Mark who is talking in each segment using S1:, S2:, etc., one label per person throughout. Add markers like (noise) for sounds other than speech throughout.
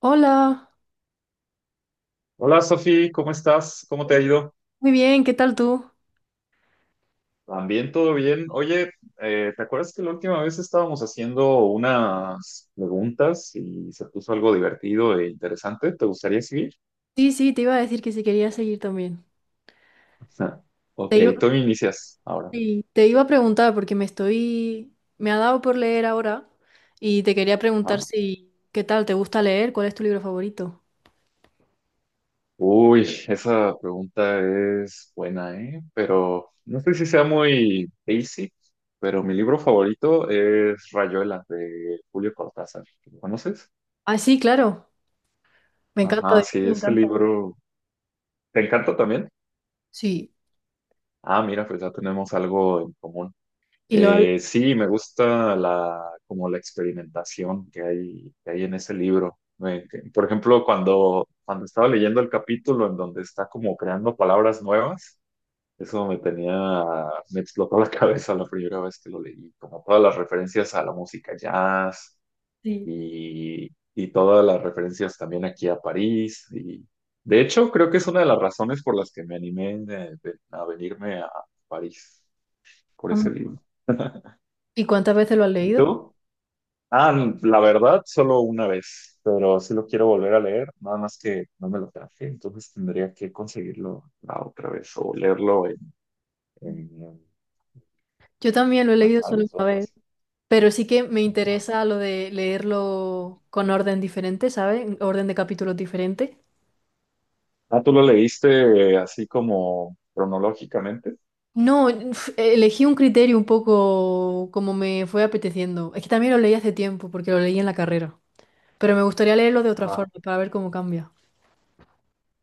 S1: Hola,
S2: Hola Sofi, ¿cómo estás? ¿Cómo te ha
S1: muy
S2: ido?
S1: muy bien, ¿qué tal tú?
S2: También todo bien. Oye, ¿te acuerdas que la última vez estábamos haciendo unas preguntas y se puso algo divertido e interesante? ¿Te gustaría seguir?
S1: Sí, sí, te iba a decir que si quería seguir también.
S2: (laughs)
S1: Te
S2: Ok,
S1: iba,
S2: tú inicias ahora.
S1: sí, te iba a preguntar porque me ha dado por leer ahora y te quería preguntar
S2: Ah.
S1: si, ¿qué tal? ¿Te gusta leer? ¿Cuál es tu libro favorito?
S2: Uy, esa pregunta es buena, ¿eh? Pero no sé si sea muy basic, pero mi libro favorito es Rayuela de Julio Cortázar. ¿Lo conoces?
S1: Ah, sí, claro, me encanta.
S2: Ajá, sí,
S1: Me
S2: ese
S1: encanta.
S2: libro. ¿Te encanta también?
S1: Sí,
S2: Ah, mira, pues ya tenemos algo en común.
S1: y lo has-
S2: Sí, me gusta la, como la experimentación que hay en ese libro. Por ejemplo, cuando estaba leyendo el capítulo en donde está como creando palabras nuevas, eso me tenía, me explotó la (laughs) cabeza la primera vez que lo leí, como todas las referencias a la música jazz,
S1: sí.
S2: y todas las referencias también aquí a París. Y de hecho, creo que es una de las razones por las que me animé a venirme a París por ese
S1: Anda.
S2: libro.
S1: ¿Y cuántas veces lo has
S2: ¿Y
S1: leído?
S2: tú? Ah, la verdad, solo una vez, pero sí lo quiero volver a leer, nada más que no me lo traje, entonces tendría que conseguirlo la otra vez o leerlo en
S1: Yo también lo he
S2: una
S1: leído solo
S2: tablet o
S1: una
S2: algo
S1: vez,
S2: así.
S1: pero sí que me
S2: ¿No?
S1: interesa lo de leerlo con orden diferente, ¿sabes? Orden de capítulos diferente.
S2: Ah, ¿tú lo leíste así como cronológicamente?
S1: No, uf, elegí un criterio un poco como me fue apeteciendo. Es que también lo leí hace tiempo, porque lo leí en la carrera. Pero me gustaría leerlo de otra forma, para ver cómo cambia.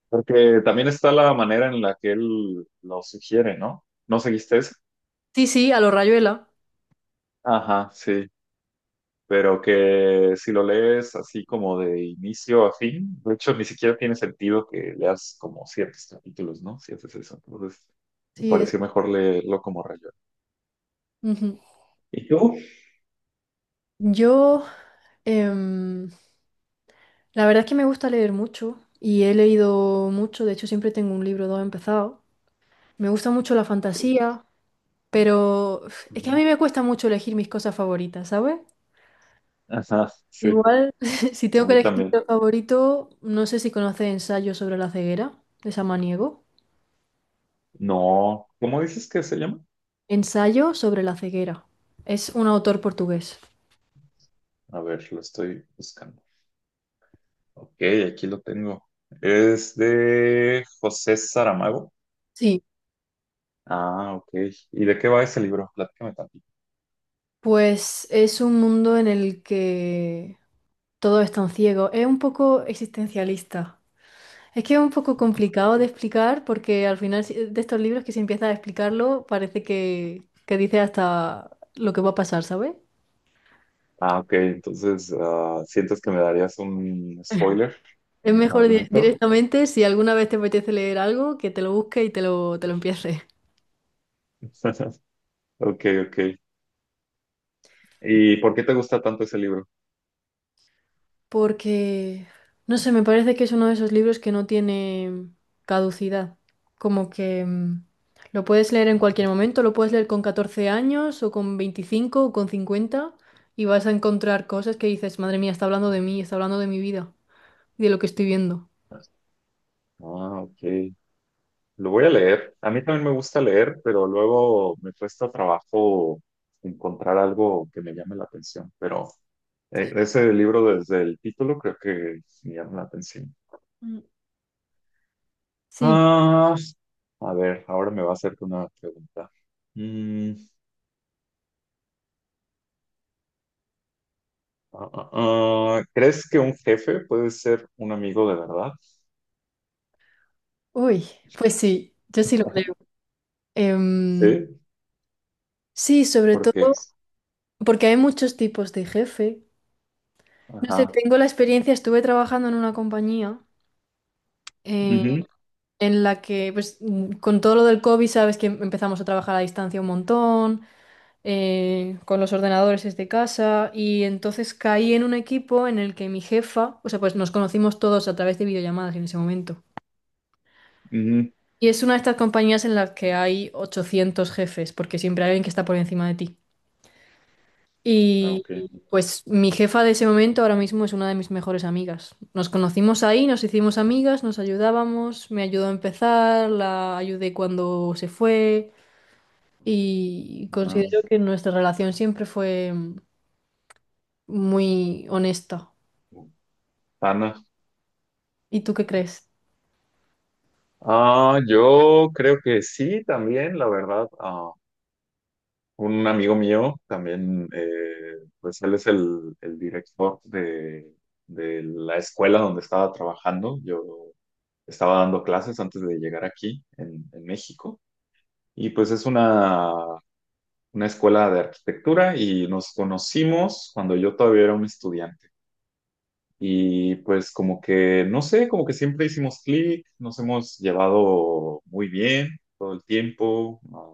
S2: Porque también está la manera en la que él lo sugiere, ¿no? ¿No seguiste eso?
S1: Sí, sí, a lo Rayuela.
S2: Ajá, sí. Pero que si lo lees así como de inicio a fin, de hecho ni siquiera tiene sentido que leas como ciertos capítulos, ¿no? Si haces eso. Entonces, me
S1: Sí, es.
S2: pareció mejor leerlo como rayón.
S1: Ujú.
S2: ¿Y tú?
S1: Yo, em, la verdad es que me gusta leer mucho y he leído mucho. De hecho, siempre tengo un libro, o dos empezado. Me gusta mucho la
S2: Sí,
S1: fantasía, pero uf, es que a
S2: ujú.
S1: mí me cuesta mucho elegir mis cosas favoritas, ¿sabes?
S2: Ajá, sí.
S1: Igual, (laughs) si
S2: A
S1: tengo que
S2: mí
S1: elegir mi libro
S2: también.
S1: favorito, no sé si conoces Ensayo sobre la ceguera, de Samaniego.
S2: No. ¿Cómo dices que se llama?
S1: Ensayo sobre la ceguera. Es un autor portugués.
S2: A ver, lo estoy buscando. Ok, aquí lo tengo. Es de José Saramago.
S1: Sí,
S2: Ah, ok. ¿Y de qué va ese libro? Platícame tantito.
S1: pues es un mundo en el que todos están ciegos. Es un poco existencialista. Es que es un poco complicado de explicar porque al final de estos libros que si empiezas a explicarlo parece que dice hasta lo que va a pasar, ¿sabes?
S2: Ah, ok. Entonces, ah, ¿sientes que me darías un spoiler?
S1: Es
S2: ¿Un
S1: mejor
S2: adelanto?
S1: directamente, si alguna vez te apetece leer algo, que te lo busques y te lo empieces.
S2: (laughs) Ok, ok. ¿Y por qué te gusta tanto ese libro?
S1: Porque, no sé, me parece que es uno de esos libros que no tiene caducidad. Como que lo puedes leer en cualquier momento, lo puedes leer con 14 años o con 25 o con 50 y vas a encontrar cosas que dices, madre mía, está hablando de mí, está hablando de mi vida y de lo que estoy viendo.
S2: Ah, ok. Lo voy a leer. A mí también me gusta leer, pero luego me cuesta trabajo encontrar algo que me llame la atención. Pero ese libro desde el título creo que me llama la atención.
S1: Mm, Sí,
S2: A ver, ahora me va a hacerte una pregunta. Mm, ah, ah, ¿Crees que un jefe puede ser un amigo de verdad?
S1: uy, pues sí, yo sí lo creo.
S2: (laughs)
S1: Em,
S2: Sí,
S1: sí, sobre
S2: ¿por qué?
S1: todo. Porque hay muchos tipos de jefe. No sé,
S2: Ajá.
S1: tengo la experiencia, estuve trabajando en una compañía eh,
S2: Ujú,
S1: en la que, pues, con todo lo del COVID, sabes que empezamos a trabajar a distancia un montón, con los ordenadores desde casa, y entonces caí en un equipo en el que mi jefa, o sea, pues nos conocimos todos a través de videollamadas en ese momento.
S2: ujú.
S1: Y es una de estas compañías en las que hay 800 jefes, porque siempre hay alguien que está por encima de ti.
S2: Ah,
S1: Y
S2: ok.
S1: pues mi jefa de ese momento ahora mismo es una de mis mejores amigas. Nos conocimos ahí, nos hicimos amigas, nos ayudábamos, me ayudó a empezar, la ayudé cuando se fue y
S2: Ah,
S1: considero que nuestra relación siempre fue muy honesta.
S2: Ana.
S1: ¿Y tú qué crees?
S2: Ah, yo creo que sí, también, la verdad. Ah, un amigo mío también, pues él es el director de la escuela donde estaba trabajando. Yo estaba dando clases antes de llegar aquí en México. Y pues es una escuela de arquitectura y nos conocimos cuando yo todavía era un estudiante. Y pues como que, no sé, como que siempre hicimos clic, nos hemos llevado muy bien todo el tiempo.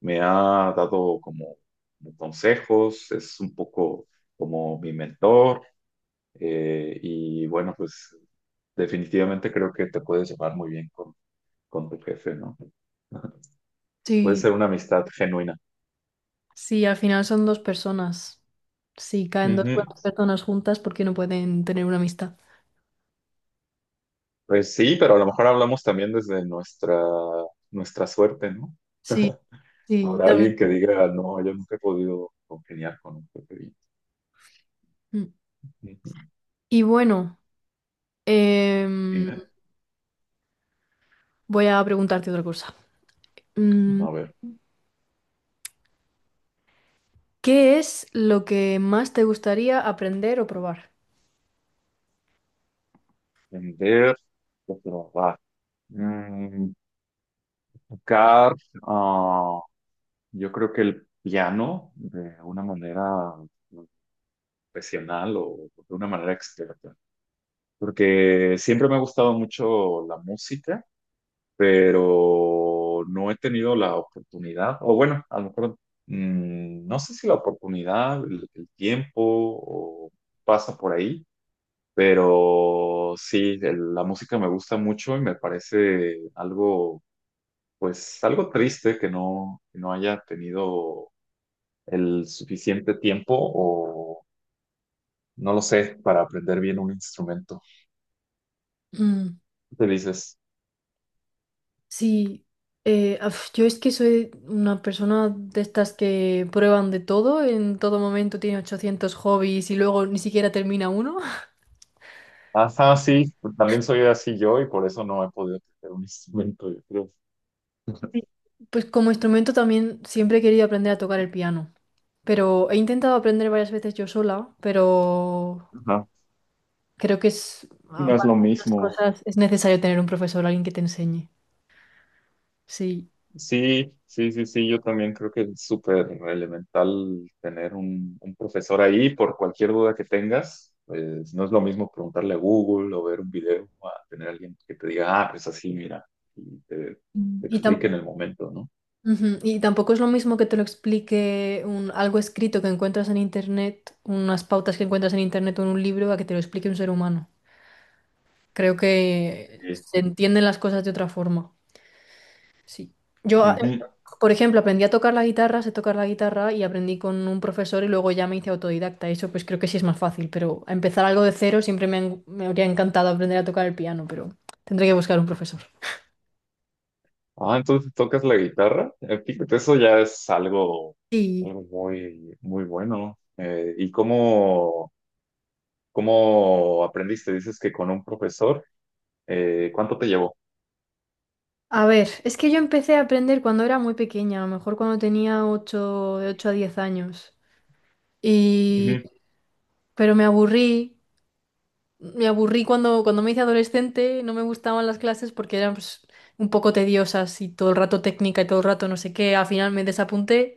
S2: Me ha dado como como consejos, es un poco como mi mentor. Y bueno, pues definitivamente creo que te puedes llevar muy bien con tu jefe, ¿no? Puede
S1: Sí,
S2: ser una amistad genuina.
S1: sí, al final son dos personas. Si caen dos
S2: Ujú.
S1: buenas personas juntas, ¿por qué no pueden tener una amistad?
S2: Pues sí, pero a lo mejor hablamos también desde nuestra, nuestra suerte, ¿no?
S1: Sí, sí,
S2: Habrá
S1: también.
S2: alguien que diga, no, yo nunca he podido congeniar con un pepe.
S1: Mm.
S2: Ujú.
S1: Y bueno, em,
S2: Dime.
S1: voy a preguntarte otra cosa. Mm,
S2: A ver,
S1: ¿Qué es lo que más te gustaría aprender o probar?
S2: vender, trabajar, mm, tocar, ah, yo creo que el piano de una manera profesional o de una manera experta, porque siempre me ha gustado mucho la música pero no he tenido la oportunidad, o bueno, a lo mejor no sé si la oportunidad, el tiempo o pasa por ahí, pero sí, la música me gusta mucho y me parece algo, pues algo triste que no haya tenido el suficiente tiempo o no lo sé, para aprender bien un instrumento.
S1: Mm,
S2: Te dices,
S1: Sí, yo es que soy una persona de estas que prueban de todo, en todo momento tiene 800 hobbies y luego ni siquiera termina uno.
S2: ajá, sí, también soy así yo y por eso no he podido aprender un (laughs) instrumento, yo creo.
S1: Sí. Pues como instrumento también siempre he querido aprender a tocar el piano, pero he intentado aprender varias veces yo sola, pero
S2: Ajá.
S1: creo que es,
S2: Sí,
S1: ah,
S2: no es
S1: para
S2: lo
S1: algunas
S2: mismo.
S1: cosas es necesario tener un profesor, alguien que te enseñe. Sí.
S2: Sí, sí, sí, sí, yo también creo que es súper elemental tener un profesor ahí por cualquier duda que tengas. Pues no es lo mismo preguntarle a Google o ver un video a tener alguien que te diga, ah, pues así, mira, y te,
S1: Mm.
S2: te explique en el momento, ¿no?
S1: Ujú. Y tampoco es lo mismo que te lo explique algo escrito que encuentras en internet, unas pautas que encuentras en internet o en un libro, a que te lo explique un ser humano. Creo que
S2: Sí.
S1: se entienden las cosas de otra forma. Sí. Yo, a-
S2: Ujú.
S1: por ejemplo, aprendí a tocar la guitarra, sé tocar la guitarra y aprendí con un profesor y luego ya me hice autodidacta. Eso pues creo que sí es más fácil, pero empezar algo de cero siempre me habría encantado aprender a tocar el piano, pero tendré que buscar un profesor.
S2: Ah, entonces tocas la guitarra. Fíjate, eso ya es algo,
S1: Sí.
S2: algo muy, muy bueno. ¿Y cómo aprendiste? Dices que con un profesor. ¿Cuánto te llevó?
S1: A ver, es que yo empecé a aprender cuando era muy pequeña, a lo mejor cuando tenía de 8 a 10 años. Y...
S2: Ujú.
S1: Pero me aburrí cuando, cuando me hice adolescente, no me gustaban las clases porque eran pues, un poco tediosas y todo el rato técnica y todo el rato no sé qué. Al final me desapunté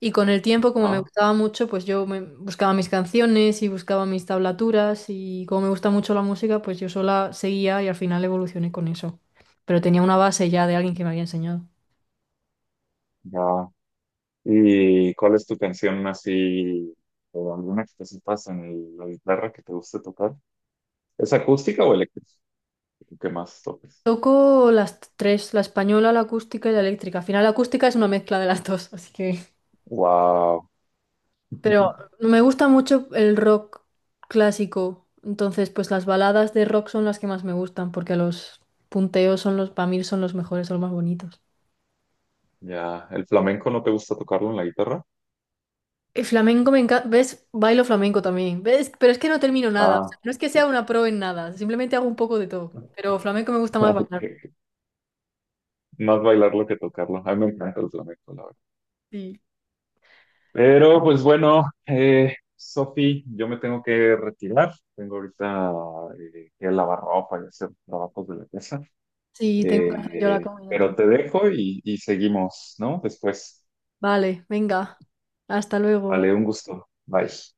S1: y con el tiempo, como me
S2: Ah,
S1: gustaba mucho, pues buscaba mis canciones y buscaba mis tablaturas y como me gusta mucho la música, pues yo sola seguía y al final evolucioné con eso. Pero tenía una base ya de alguien que me había enseñado.
S2: ya. ¿Y cuál es tu canción así, o alguna que te sepas en la guitarra que te guste tocar? ¿Es acústica o eléctrica? ¿Qué más toques?
S1: Toco las tres, la española, la acústica y la eléctrica. Al final la acústica es una mezcla de las dos, así que...
S2: Wow.
S1: Pero
S2: (laughs)
S1: me gusta mucho el rock clásico, entonces pues las baladas de rock son las que más me gustan, porque los punteos son los, para mí son los mejores, son los más bonitos.
S2: Ya, ¿el flamenco no te gusta tocarlo en la guitarra?
S1: El flamenco me encanta, ¿ves? Bailo flamenco también, ¿ves? Pero es que no termino nada, o sea,
S2: Ah,
S1: no es que sea
S2: ok.
S1: una pro en nada, simplemente hago un poco de todo, pero flamenco me
S2: (laughs)
S1: gusta más
S2: Ah, ok.
S1: bailar.
S2: Más bailarlo que tocarlo. A mí me encanta el flamenco, la verdad.
S1: Sí,
S2: Pero pues bueno, Sofi, yo me tengo que retirar. Tengo ahorita que lavar ropa y hacer trabajos de la casa.
S1: sí, tengo que hacer yo la comida
S2: Pero
S1: también.
S2: te dejo y seguimos, ¿no? Después.
S1: Vale, venga, hasta luego.
S2: Vale, un gusto. Bye.